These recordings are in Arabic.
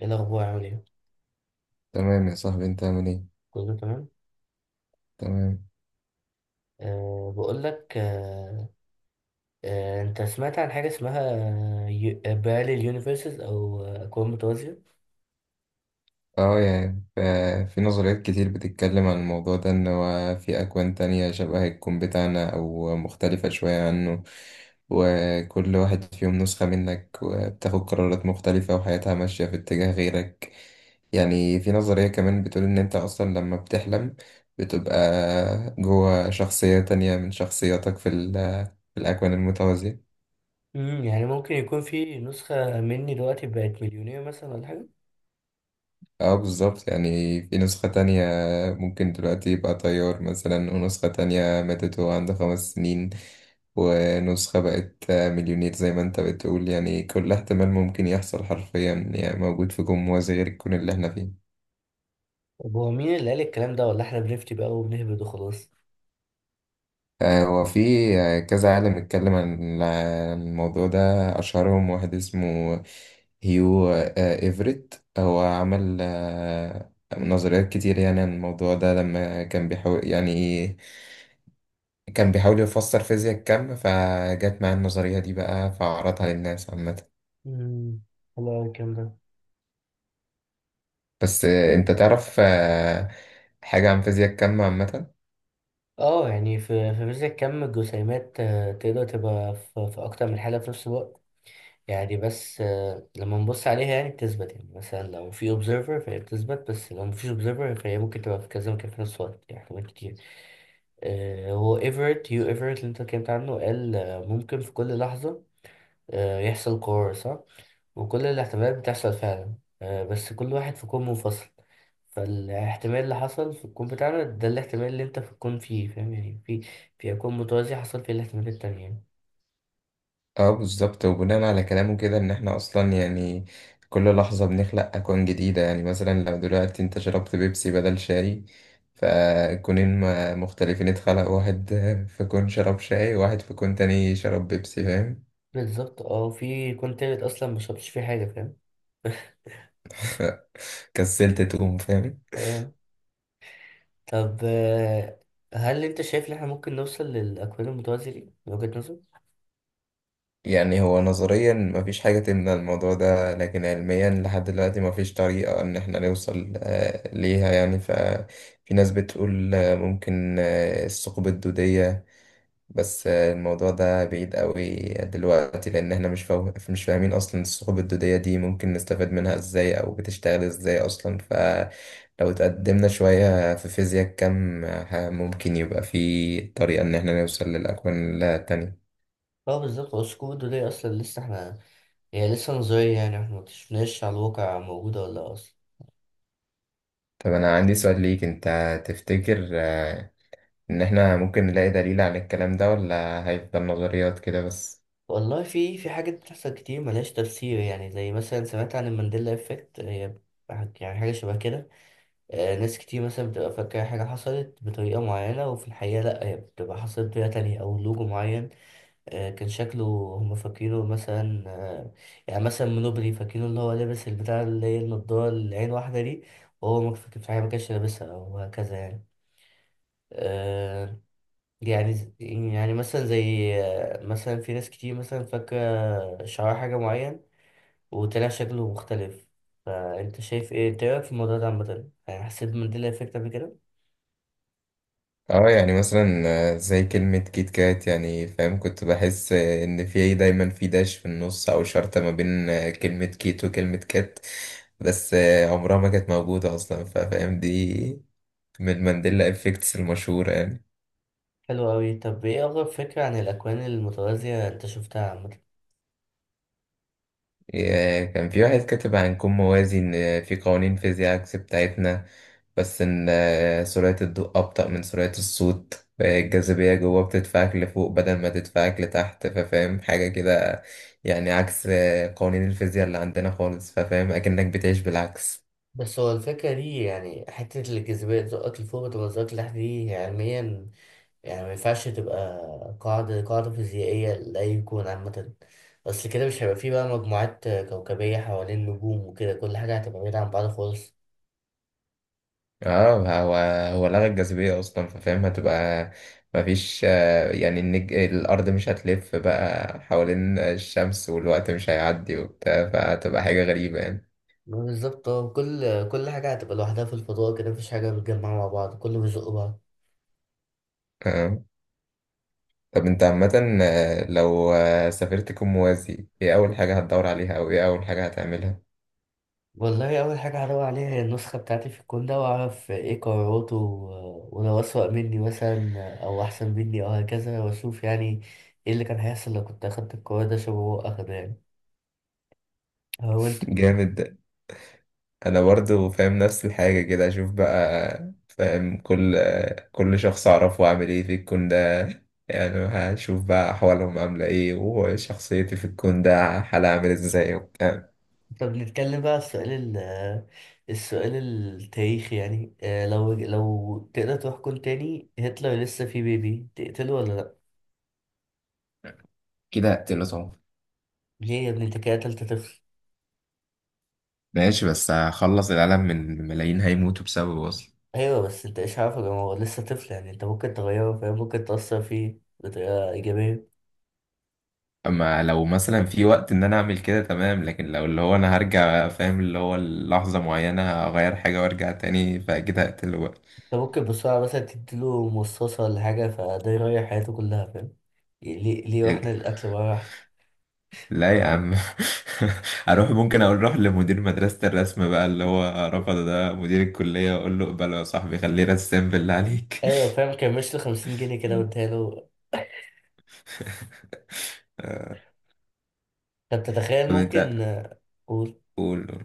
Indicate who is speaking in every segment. Speaker 1: ايه الاخبار؟ عامل ايه؟
Speaker 2: تمام يا صاحبي انت عامل ايه.
Speaker 1: كله تمام.
Speaker 2: تمام.
Speaker 1: بقول لك. انت سمعت عن حاجه اسمها باراليل يونيفرسز او اكوان متوازيه؟
Speaker 2: اه يعني ف- في نظريات كتير بتتكلم عن الموضوع ده ان هو في اكوان تانية شبه الكون بتاعنا او مختلفة شوية عنه، وكل واحد فيهم نسخة منك وبتاخد قرارات مختلفة وحياتها ماشية في اتجاه غيرك. يعني في نظرية كمان بتقول ان انت اصلا لما بتحلم بتبقى جوه شخصية تانية من شخصياتك في الاكوان المتوازية.
Speaker 1: يعني ممكن يكون في نسخه مني دلوقتي بقت مليونير مثلا ولا حاجه؟
Speaker 2: اه بالظبط، يعني في نسخة تانية ممكن دلوقتي يبقى طيار مثلا، ونسخة تانية ماتت وهو عنده 5 سنين، ونسخة بقت مليونير زي ما انت بتقول. يعني كل احتمال ممكن يحصل حرفيا يعني موجود في جموز غير الكون اللي احنا فيه.
Speaker 1: طب هو مين اللي قال الكلام ده ولا احنا بنفتي بقى وبنهبد وخلاص؟
Speaker 2: هو في كذا عالم اتكلم عن الموضوع ده. أشهرهم واحد اسمه هيو إيفريت، هو عمل نظريات كتير يعني عن الموضوع ده لما كان بيحاول يعني كان بيحاول يفسر فيزياء الكم، فجت معاه النظرية دي بقى فعرضها للناس عامة.
Speaker 1: امم حلو أوي الكلام ده.
Speaker 2: بس انت تعرف حاجة عن فيزياء الكم عامة؟
Speaker 1: اه، يعني في فيزياء كم الجسيمات تقدر تبقى في اكتر من حاله في نفس الوقت. يعني بس لما نبص عليها يعني بتثبت، يعني مثلا لو في observer فهي بتثبت، بس لو مفيش observer فهي ممكن تبقى في كذا مكان في نفس الوقت، يعني احتمال كتير. هو هيو ايفرت اللي انت اتكلمت عنه قال ممكن في كل لحظة يحصل قرار صح، وكل الاحتمالات بتحصل فعلا، بس كل واحد في كون منفصل. فالاحتمال اللي حصل في الكون بتاعنا ده الاحتمال اللي انت في الكون فيه، فاهم؟ يعني في كون متوازي حصل فيه الاحتمالات التانية.
Speaker 2: اه بالظبط. وبناء على كلامه كده ان احنا اصلا يعني كل لحظة بنخلق اكوان جديدة. يعني مثلا لو دلوقتي انت شربت بيبسي بدل شاي، مختلفين اتخلق، واحد في كون شرب شاي وواحد في كون تاني شرب بيبسي، فاهم؟
Speaker 1: بالظبط، اه، في كون تالت اصلا مشربتش فيه حاجة، فاهم؟
Speaker 2: كسلت تقوم، فاهم.
Speaker 1: اه. طب، هل انت شايف ان احنا ممكن نوصل للاكوان المتوازية دي من وجهة نظرك؟
Speaker 2: يعني هو نظريا مفيش حاجة تمنع الموضوع ده، لكن علميا لحد دلوقتي مفيش طريقة إن احنا نوصل ليها. يعني ففي ناس بتقول ممكن الثقوب الدودية، بس الموضوع ده بعيد قوي دلوقتي، لأن احنا مش فاهمين أصلا الثقوب الدودية دي ممكن نستفاد منها ازاي أو بتشتغل ازاي أصلا. فلو اتقدمنا شوية في فيزياء كم، ممكن يبقى في طريقة إن احنا نوصل للأكوان التانية.
Speaker 1: اه بالظبط، اسكودو دي اصلا لسه احنا، هي لسه نظرية، يعني احنا مكتشفناش على الواقع موجودة ولا لأ اصلا.
Speaker 2: طب أنا عندي سؤال ليك أنت، تفتكر إن إحنا ممكن نلاقي دليل على الكلام ده ولا هيفضل نظريات كده بس؟
Speaker 1: والله في حاجات بتحصل كتير ملهاش تفسير، يعني زي مثلا سمعت عن المانديلا افكت، هي يعني حاجة شبه كده. ناس كتير مثلا بتبقى فاكرة حاجة حصلت بطريقة معينة، وفي الحقيقة لأ، هي بتبقى حصلت بطريقة تانية، أو لوجو معين. كان شكله هم فاكرينه مثلا، يعني مثلا منوبري فاكرينه اللي هو لابس البتاع، اللي هي النضارة اللي عين واحدة دي. وهو ما كان في حاجة، ما كانش لابسها، أو هكذا يعني. آه، يعني يعني مثلا زي مثلا في ناس كتير مثلا فاكرة شعار حاجة معين، وطلع شكله مختلف. فأنت شايف إيه إنت إيه رأيك في الموضوع ده عامة؟ يعني حسيت بمانديلا إفكت قبل كده؟
Speaker 2: اه يعني مثلا زي كلمة كيت كات، يعني فاهم، كنت بحس إن في إيه، دايما في داش في النص أو شرطة ما بين كلمة كيت وكلمة كات، بس عمرها ما كانت موجودة أصلا، فاهم؟ دي من مانديلا إفكتس المشهورة يعني.
Speaker 1: حلو أوي. طب إيه أغرب فكرة عن الأكوان المتوازية أنت شفتها عامة؟
Speaker 2: كان في واحد كاتب عن كون موازي إن في قوانين فيزياء عكس بتاعتنا، بس إن سرعة الضوء أبطأ من سرعة الصوت، الجاذبية جوه بتدفعك لفوق بدل ما تدفعك لتحت، ففاهم حاجة كده، يعني عكس قوانين الفيزياء اللي عندنا خالص، ففاهم أكنك بتعيش بالعكس.
Speaker 1: بس هو الفكرة دي، يعني حتة الجاذبية تزقك لفوق وتبقى تزقك لتحت دي علميا، يعني ما ينفعش تبقى قاعدة قاعدة فيزيائية لأي كون عامة. أصل كده مش هيبقى فيه بقى مجموعات كوكبية حوالين نجوم وكده، كل حاجة هتبقى بعيدة عن بعض خالص.
Speaker 2: اه، هو لغى الجاذبية أصلا، ففاهم هتبقى مفيش يعني النج... الأرض مش هتلف بقى حوالين الشمس والوقت مش هيعدي وبتاع، فهتبقى حاجة غريبة يعني.
Speaker 1: بالظبط اه، كل كل حاجة هتبقى لوحدها في الفضاء كده، مفيش حاجة متجمعة مع بعض، كله بيزق بعض.
Speaker 2: آه. طب انت عامة لو سافرت كون موازي، ايه أول حاجة هتدور عليها أو ايه أول حاجة هتعملها؟
Speaker 1: والله أول حاجة هدور عليها هي النسخة بتاعتي في الكون ده، وأعرف إيه قراراته ولو أسوأ مني مثلا أو أحسن مني أو هكذا، وأشوف يعني إيه اللي كان هيحصل لو كنت أخدت القرار ده شبه هو أخده، يعني. هو أنت.
Speaker 2: جامد. أنا برضو فاهم نفس الحاجة كده، أشوف بقى فاهم كل شخص أعرفه عامل ايه في الكون ده. يعني هشوف بقى أحوالهم عاملة ايه وشخصيتي في الكون ده حالها عامل ازاي وبتاع.
Speaker 1: طب نتكلم بقى على السؤال التاريخي، يعني لو تقدر تروح كون تاني، هتلر لسه فيه بيبي تقتله ولا لأ؟
Speaker 2: كده هقتله طبعا.
Speaker 1: ليه يا ابني؟ أنت كده قتلت طفل؟
Speaker 2: ماشي، بس هخلص العالم من ملايين هيموتوا بسببه أصلا.
Speaker 1: أيوه، بس أنت إيش عارفه يا جماعة، هو لسه طفل، يعني أنت ممكن تغيره، فاهم؟ ممكن تأثر فيه بطريقة إيجابية.
Speaker 2: اما لو مثلا في وقت ان انا اعمل كده تمام، لكن لو اللي هو انا هرجع فاهم اللي هو لحظة معينة اغير حاجة وارجع تاني، فاكيد هقتله بقى.
Speaker 1: انت ممكن بسرعة مثلا تديله مصاصة ولا حاجة، فده يريح حياته كلها، فاهم؟ ليه ليه واحنا الأكل مرة واحدة؟
Speaker 2: لا يا عم. اروح ممكن اقول روح لمدير مدرسة الرسم بقى اللي هو رفض، ده مدير الكلية، واقول له اقبله يا صاحبي، خليه رسام بالله عليك.
Speaker 1: أيوة فاهم، كان مش 50 جنيه كده واديها له. طب تتخيل
Speaker 2: طب
Speaker 1: ممكن.
Speaker 2: انت
Speaker 1: قول.
Speaker 2: قول.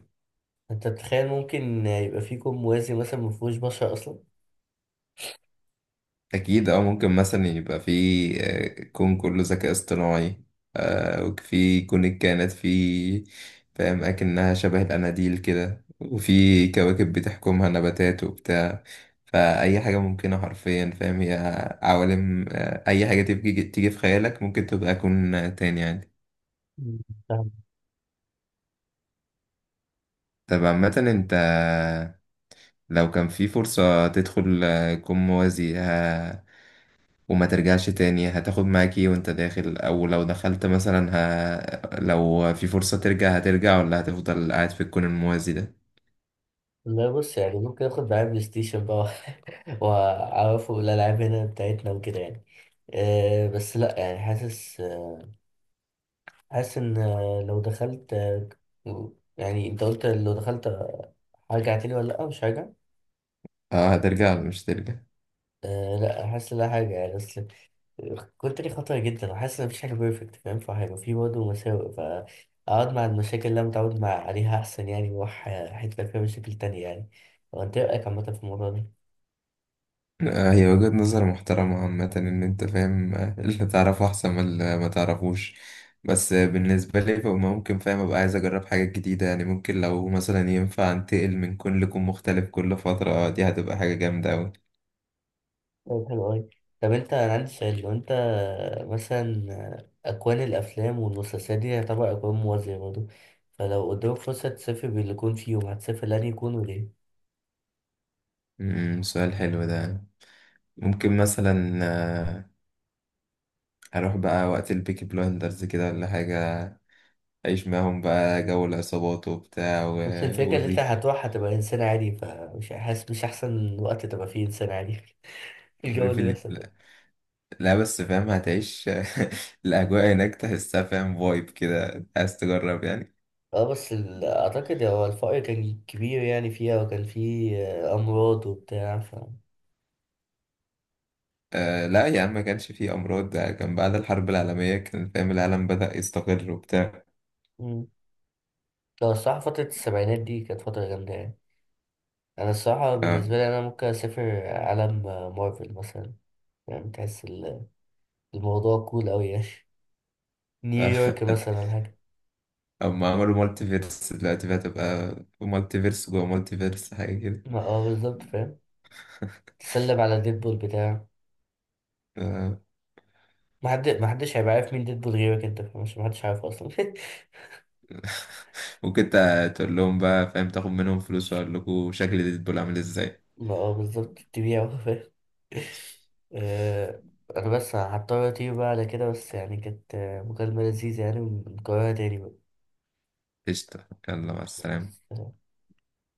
Speaker 1: أنت بتتخيل ممكن يبقى فيكم موازي مثلا مفهوش بشر أصلا؟
Speaker 2: أكيد، أو ممكن مثلا يبقى في كون كله ذكاء اصطناعي، وفي كون الكائنات في فاهم أكنها شبه الأناديل كده، وفي كواكب بتحكمها نباتات وبتاع. فأي حاجة ممكنة حرفيا، فاهم؟ هي عوالم أي حاجة تيجي في خيالك ممكن تبقى كون تاني عادي.
Speaker 1: مم. فاهم.
Speaker 2: طب عامة أنت لو كان في فرصة تدخل كون موازي وما ترجعش تاني، هتاخد معاك ايه وانت داخل؟ او لو دخلت مثلا لو في فرصة ترجع، هترجع ولا هتفضل قاعد في الكون الموازي ده؟
Speaker 1: لا، بص يعني ممكن آخد معايا بلاي ستيشن بقى. وأعرفه الألعاب هنا بتاعتنا وكده يعني. أه بس لأ، يعني حاسس، حاسس ان لو دخلت، يعني انت قلت لو دخلت، هرجع تاني ولا لا، مش هرجع.
Speaker 2: اه، هترجع ولا مش ترجع؟
Speaker 1: أه لا، حاسس لا حاجة يعني، بس كنت لي خطرة جدا وحاسس ان مفيش حاجة بيرفكت، فاهم؟ فهيبقى في برضه مساوئ، فأقعد مع المشاكل اللي أنا متعود مع عليها أحسن، يعني وأروح حتة فيها مشاكل تانية يعني. هو أنت إيه رأيك عامة في الموضوع ده؟
Speaker 2: آه، هي وجهة نظر محترمة عامة، ان انت فاهم اللي تعرفه احسن من اللي ما تعرفوش. بس بالنسبة لي فما ممكن فاهم ابقى عايز اجرب حاجات جديدة، يعني ممكن لو مثلا ينفع انتقل من كون لكون مختلف كل فترة، دي هتبقى حاجة جامدة اوي.
Speaker 1: طيب حلو أوي. طب أنا عندي سؤال، لو أنت مثلا أكوان الأفلام والمسلسلات دي تعتبر أكوان موازية برضه، فلو قدامك فرصة تسافر باللي يكون فيهم هتسافر لأني يكون وليه؟
Speaker 2: امم، سؤال حلو ده. ممكن مثلا هروح بقى وقت البيكي بلايندرز كده ولا حاجة، أعيش معاهم بقى جو العصابات وبتاع و...
Speaker 1: بس الفكرة إن أنت
Speaker 2: والريف.
Speaker 1: هتروح هتبقى إنسان عادي، فمش حاسس مش أحسن وقت تبقى فيه إنسان عادي. الجو
Speaker 2: والريف
Speaker 1: اللي
Speaker 2: اللي
Speaker 1: بيحصل ده.
Speaker 2: لا لا، بس فاهم هتعيش الأجواء هناك تحسها، فاهم؟ فايب كده عايز تجرب يعني.
Speaker 1: اه بس أعتقد هو الفقر كان كبير يعني فيها، وكان فيه أمراض وبتاع، ف
Speaker 2: آه لا يا عم، ما كانش فيه أمراض، ده كان بعد الحرب العالمية، كان فاهم العالم بدأ يستقر وبتاع.
Speaker 1: مم. لا الصراحة فترة السبعينات دي كانت فترة جامدة يعني. أنا الصراحة
Speaker 2: آه.
Speaker 1: بالنسبة لي، أنا ممكن أسافر عالم مارفل مثلا. يعني تحس الموضوع كول أوي يعني. نيويورك مثلا ولا حاجة.
Speaker 2: أما عملوا مالتي فيرس دلوقتي بقى، تبقى مالتي فيرس جوه مالتي فيرس حاجة كده.
Speaker 1: ما اه بالظبط فاهم. تسلم على ديدبول بتاعه.
Speaker 2: آه،
Speaker 1: ما حدش هيبقى عارف مين ديدبول غيرك، انت مش ما حدش عارفه اصلا.
Speaker 2: ممكن تقول لهم بقى فاهم، تاخد منهم فلوس واقول لكم شكل ديدبول عامل ازاي.
Speaker 1: ما اه بالظبط، تبيعه فاهم. آه، انا بس هضطر اطير بقى على كده، بس يعني كانت مكالمة لذيذة، يعني ونكررها تاني بقى.
Speaker 2: قشطة، يلا مع
Speaker 1: بس،
Speaker 2: السلامة.